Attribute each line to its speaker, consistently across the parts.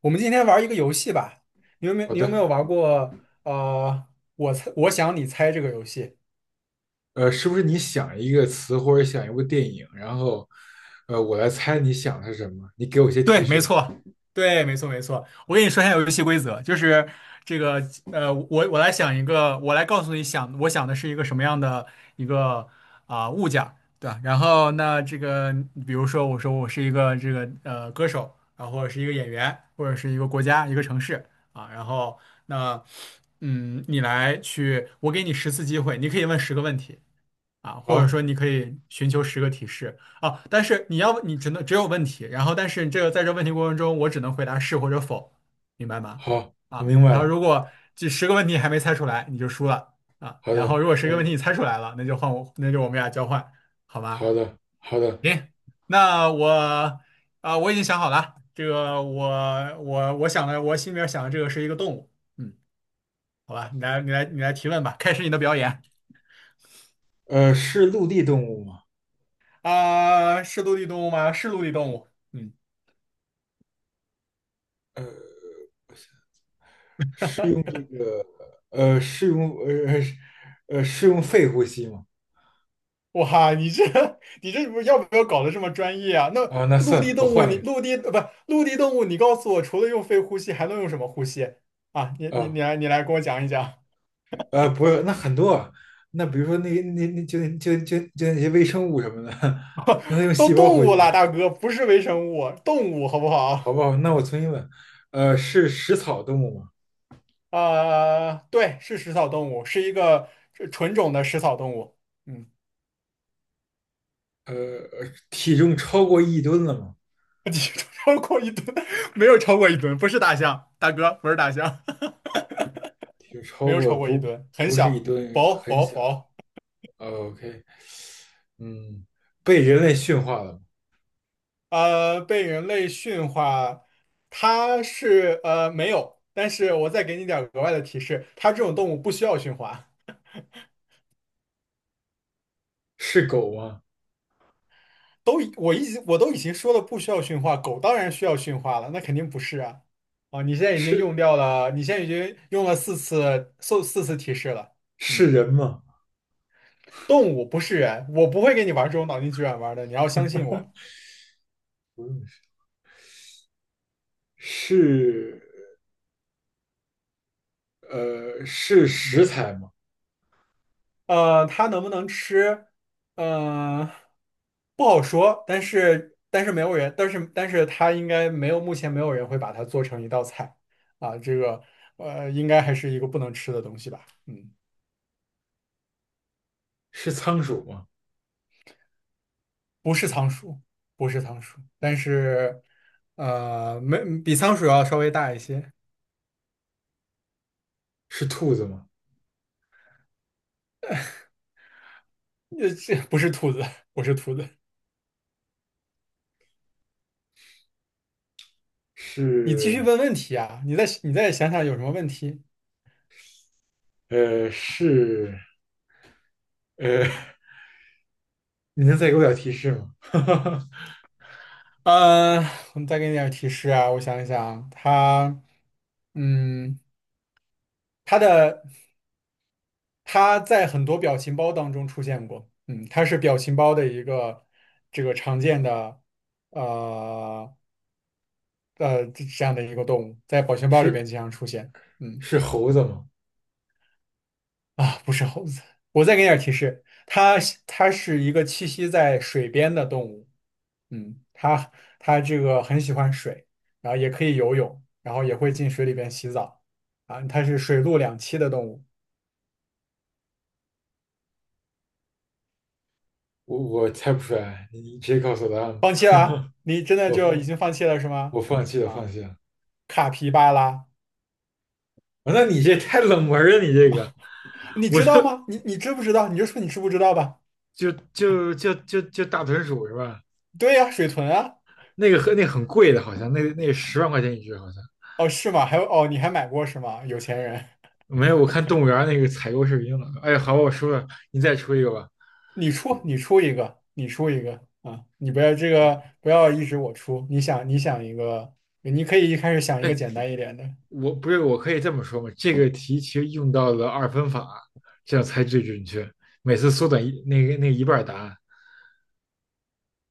Speaker 1: 我们今天玩一个游戏吧，你有没有
Speaker 2: 好
Speaker 1: 你有没
Speaker 2: 的，
Speaker 1: 有玩过呃，我想你猜这个游戏？
Speaker 2: 是不是你想一个词或者想一部电影，然后我来猜你想的是什么？你给我一些提
Speaker 1: 对，没
Speaker 2: 示。
Speaker 1: 错。对，没错，没错。我跟你说一下游戏规则，就是这个，我来想一个，我来告诉你想，我想的是一个什么样的一个啊、物件儿，对吧？然后那这个，比如说我说我是一个这个歌手啊，或者是一个演员，或者是一个国家、一个城市啊。然后那嗯，你来去，我给你十次机会，你可以问十个问题。啊，或者
Speaker 2: 好，
Speaker 1: 说你可以寻求十个提示啊，但是你只能只有问题，然后但是这个在这问题过程中，我只能回答是或者否，明白吗？
Speaker 2: 好，我
Speaker 1: 啊，
Speaker 2: 明白
Speaker 1: 然后
Speaker 2: 了。
Speaker 1: 如果这十个问题还没猜出来，你就输了啊。
Speaker 2: 好
Speaker 1: 然后
Speaker 2: 的，
Speaker 1: 如果十个问题你
Speaker 2: 嗯，
Speaker 1: 猜出来了，那就换我，那就我们俩交换，好吧？
Speaker 2: 好的，好的。
Speaker 1: 行，那我啊，我已经想好了，这个我想的，我心里面想的这个是一个动物。嗯，好吧，你来提问吧，开始你的表演。
Speaker 2: 是陆地动物吗？
Speaker 1: 啊，是陆地动物吗？是陆地动物。嗯，
Speaker 2: 是用这个，呃，是用呃是呃是用肺呼吸吗？
Speaker 1: 哇，你这 你这不要搞得这么专业啊？那
Speaker 2: 啊，那
Speaker 1: 陆地
Speaker 2: 算，我
Speaker 1: 动物
Speaker 2: 换一
Speaker 1: 你，
Speaker 2: 个。
Speaker 1: 陆地呃不陆地动物，你告诉我，除了用肺呼吸，还能用什么呼吸啊？你你
Speaker 2: 啊，
Speaker 1: 你来你来跟我讲一讲。
Speaker 2: 不是，那很多啊。那比如说那那那就那就就就那些微生物什么的，那它用
Speaker 1: 都
Speaker 2: 细胞
Speaker 1: 动
Speaker 2: 呼
Speaker 1: 物了，
Speaker 2: 吸。
Speaker 1: 大哥，不是微生物，动物好不好？
Speaker 2: 好不好？那我重新问，是食草动物吗？
Speaker 1: 呃，对，是食草动物，是一个纯种的食草动物。嗯，
Speaker 2: 呃，体重超过一吨了吗？
Speaker 1: 体重超过一吨，没有超过一吨，不是大象，大哥，不是大象。
Speaker 2: 体重
Speaker 1: 没
Speaker 2: 超
Speaker 1: 有
Speaker 2: 过
Speaker 1: 超过一
Speaker 2: 不
Speaker 1: 吨，很
Speaker 2: 不是一
Speaker 1: 小，
Speaker 2: 吨，
Speaker 1: 薄
Speaker 2: 很
Speaker 1: 薄
Speaker 2: 小。
Speaker 1: 薄。
Speaker 2: 哦 OK，嗯，被人类驯化了吗？
Speaker 1: 呃，被人类驯化，它是没有，但是我再给你点儿额外的提示，它这种动物不需要驯化。
Speaker 2: 是狗吗？
Speaker 1: 我一直我都已经说了不需要驯化，狗当然需要驯化了，那肯定不是啊。啊，你现在已经用
Speaker 2: 是
Speaker 1: 掉了，你现在已经用了四次提示了。
Speaker 2: 是
Speaker 1: 嗯，
Speaker 2: 人吗？
Speaker 1: 动物不是人，我不会跟你玩这种脑筋急转弯的，你要相信我。
Speaker 2: 不用是，是是食
Speaker 1: 嗯。
Speaker 2: 材吗？
Speaker 1: 呃，它能不能吃？呃，不好说。但是，但是没有人，但是，但是它应该没有，目前没有人会把它做成一道菜啊。这个，呃，应该还是一个不能吃的东西吧？嗯，
Speaker 2: 是仓鼠吗？
Speaker 1: 不是仓鼠，不是仓鼠，但是，呃，没比仓鼠要稍微大一些。
Speaker 2: 是兔子吗？
Speaker 1: 呃，这不是兔子，不是兔子。你继续
Speaker 2: 是
Speaker 1: 问问题啊！你再想想有什么问题。
Speaker 2: 呃是呃，你能再给我点提示吗？
Speaker 1: 嗯，我们再给你点儿提示啊，我想一想，他，嗯，他的他在很多表情包当中出现过。嗯，他是表情包的一个这个常见的，呃这这样的一个动物，在表情包里边
Speaker 2: 是
Speaker 1: 经常出现。嗯
Speaker 2: 是猴子吗？
Speaker 1: 啊，不是猴子，我再给你点儿提示，它是一个栖息在水边的动物。嗯，他他这个很喜欢水，然后也可以游泳，然后也会进水里边洗澡啊。它是水陆两栖的动物。
Speaker 2: 我我猜不出来，你你直接告诉我答案吧。
Speaker 1: 放弃了啊？你真的
Speaker 2: 我
Speaker 1: 就已
Speaker 2: 我
Speaker 1: 经放弃了是
Speaker 2: 我
Speaker 1: 吗？
Speaker 2: 放弃了，
Speaker 1: 啊，
Speaker 2: 放弃了。
Speaker 1: 卡皮巴拉，
Speaker 2: 啊，那你这太冷门了，你这个，
Speaker 1: 你
Speaker 2: 我
Speaker 1: 知道
Speaker 2: 都
Speaker 1: 吗？你知不知道吧。
Speaker 2: 就就就就就大豚鼠是吧？
Speaker 1: 对呀，水豚啊。
Speaker 2: 那个和那很贵的，好像那那10万块钱1只，好像
Speaker 1: 哦，是吗？还有哦，你还买过是吗？有钱人。
Speaker 2: 没有。我看动物园那个采购视频了。哎呀好吧我输了，你再出一个吧。
Speaker 1: 你出一个啊！你不要这个，不要一直我出，你想一个，你可以一开始想一个
Speaker 2: 哎，
Speaker 1: 简单一点的。
Speaker 2: 我不是，我可以这么说吗？这个题其实用到了二分法，这样才最准确。每次缩短一那个那一半儿答案，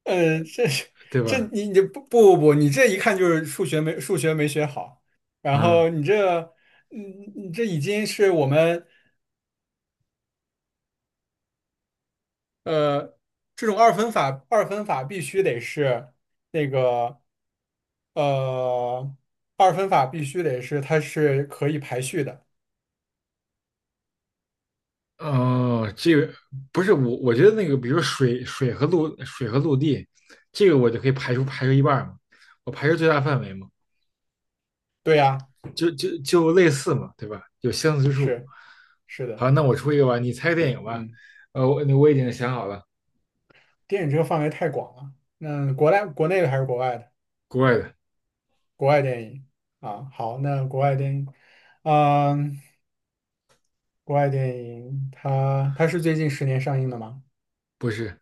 Speaker 1: 嗯，这是
Speaker 2: 对
Speaker 1: 这
Speaker 2: 吧？
Speaker 1: 你你不不不，你这一看就是数学没学好。然
Speaker 2: 啊、
Speaker 1: 后你这嗯你这已经是我们呃这种二分法必须得是那个呃二分法必须得是它是可以排序的。
Speaker 2: 哦，这个不是我，我觉得那个，比如说水、水和陆地，这个我就可以排除一半儿嘛，我排除最大范围嘛，
Speaker 1: 对呀，
Speaker 2: 就就就类似嘛，对吧？有相似之处。
Speaker 1: 是是的。
Speaker 2: 好，那我出一个吧，你猜个电影吧。
Speaker 1: 嗯，
Speaker 2: 我已经想好了，
Speaker 1: 电影这个范围太广了，那国内的还是国外的？
Speaker 2: 国外的，
Speaker 1: 国外电影啊，好，那国外电影。嗯。国外电影，它是最近十年上映的吗？
Speaker 2: 不是，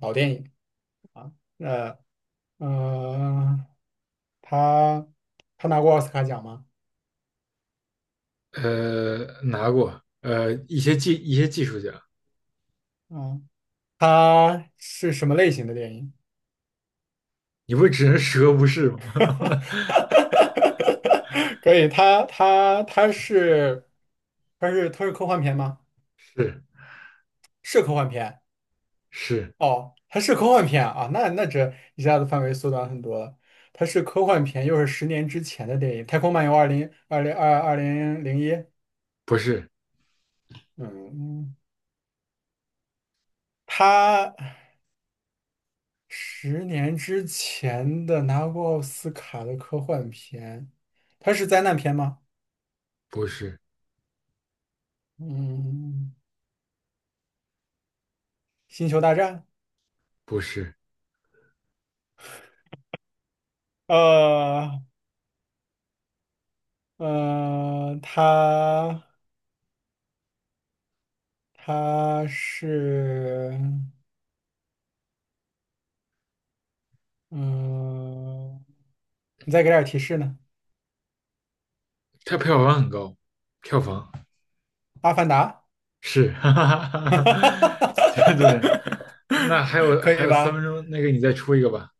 Speaker 1: 老电影，呃呃，它它拿过奥斯卡奖吗？
Speaker 2: 拿过，一些技术奖，
Speaker 1: 嗯，它是什么类型的电影？
Speaker 2: 你不是只能10个不是吗？
Speaker 1: 可以，它是科幻片吗？
Speaker 2: 是
Speaker 1: 是科幻片。
Speaker 2: 是，
Speaker 1: 哦，它是科幻片啊，那那这一下子范围缩短很多了。它是科幻片，又是十年之前的电影，《太空漫游二零二零二二零零一》。
Speaker 2: 不是
Speaker 1: 嗯，他十年之前的拿过奥斯卡的科幻片，他是灾难片吗？
Speaker 2: 不是
Speaker 1: 嗯，《星球大战》。
Speaker 2: 不是，
Speaker 1: 呃呃，他他嗯、你再给点提示呢？
Speaker 2: 它票房很高，票房。
Speaker 1: 《阿凡达》
Speaker 2: 是，哈哈哈哈哈，这重点。那还 有
Speaker 1: 可
Speaker 2: 还
Speaker 1: 以
Speaker 2: 有三
Speaker 1: 吧？
Speaker 2: 分钟，那个你再出一个吧。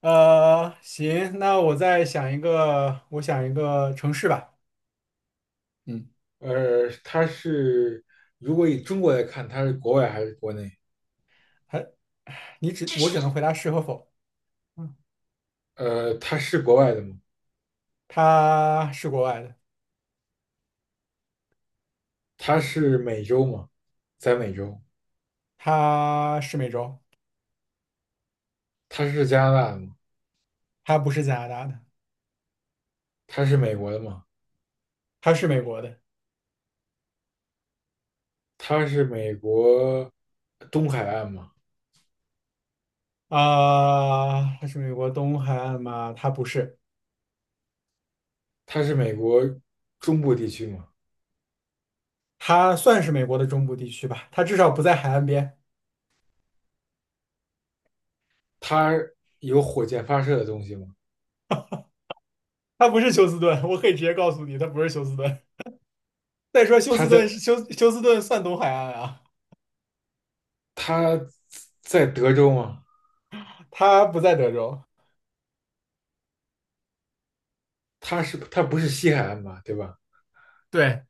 Speaker 1: 呃，行，那我再想一个，我想一个城市吧。嗯。
Speaker 2: 呃，它是如果以中国来看，它是国外还是国内？
Speaker 1: 还，我只能回答是和否。嗯，
Speaker 2: 它是国外的吗？
Speaker 1: 他是国外的，
Speaker 2: 它是美洲吗？在美洲，
Speaker 1: 他是美洲，
Speaker 2: 它是加拿大的吗？
Speaker 1: 他不是加拿大的，
Speaker 2: 它是美国的吗？
Speaker 1: 他是美国的
Speaker 2: 它是美国东海岸吗？
Speaker 1: 啊。他是美国东海岸吗？他不是，
Speaker 2: 它是美国中部地区吗？
Speaker 1: 他算是美国的中部地区吧，他至少不在海岸边。
Speaker 2: 它有火箭发射的东西吗？
Speaker 1: 他不是休斯顿，我可以直接告诉你，他不是休斯顿。再说休
Speaker 2: 它
Speaker 1: 斯
Speaker 2: 在
Speaker 1: 顿是休斯顿算东海岸啊。
Speaker 2: 它在德州吗？
Speaker 1: 他不在德州，
Speaker 2: 他是他不是西海岸嘛，对吧？
Speaker 1: 对，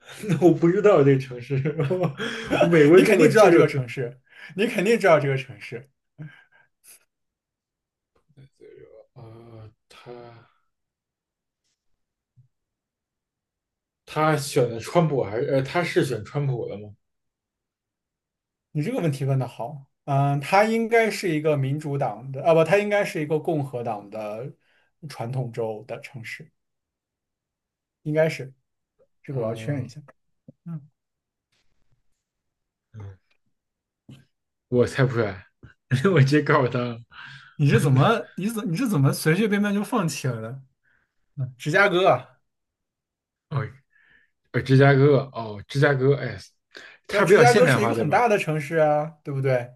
Speaker 2: 那我不知道这个城市，我我美 国
Speaker 1: 你
Speaker 2: 就
Speaker 1: 肯
Speaker 2: 我
Speaker 1: 定知
Speaker 2: 舅
Speaker 1: 道这个
Speaker 2: 是
Speaker 1: 城市，你肯定知道这个城市。
Speaker 2: 呃，他他选的川普还是他是选川普的吗？
Speaker 1: 你这个问题问的好。嗯，它应该是一个民主党的，啊不，它应该是一个共和党的传统州的城市，应该是，这个我要确认一
Speaker 2: 嗯，
Speaker 1: 下。嗯，
Speaker 2: 我猜不出来，我直接告诉他，
Speaker 1: 你是怎么随随便便就放弃了的？嗯，芝加哥啊。
Speaker 2: 哦，呃，芝加哥，哦，芝加哥，哎，
Speaker 1: 那
Speaker 2: 它比
Speaker 1: 芝
Speaker 2: 较
Speaker 1: 加
Speaker 2: 现
Speaker 1: 哥
Speaker 2: 代
Speaker 1: 是一
Speaker 2: 化，
Speaker 1: 个
Speaker 2: 对
Speaker 1: 很
Speaker 2: 吧？
Speaker 1: 大的城市啊，对不对？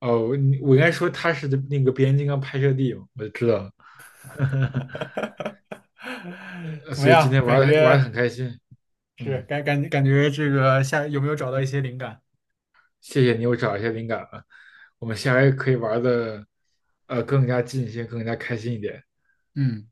Speaker 2: 哦，我应该说它是那个变形金刚拍摄地我就知道了，
Speaker 1: 怎么
Speaker 2: 所以今
Speaker 1: 样？
Speaker 2: 天玩
Speaker 1: 感
Speaker 2: 的玩的
Speaker 1: 觉
Speaker 2: 很开心，
Speaker 1: 是
Speaker 2: 嗯。
Speaker 1: 感觉这个下有没有找到一些灵感？
Speaker 2: 谢谢你我找一些灵感了，我们下回可以玩的更加尽兴，更加开心一点。
Speaker 1: 嗯。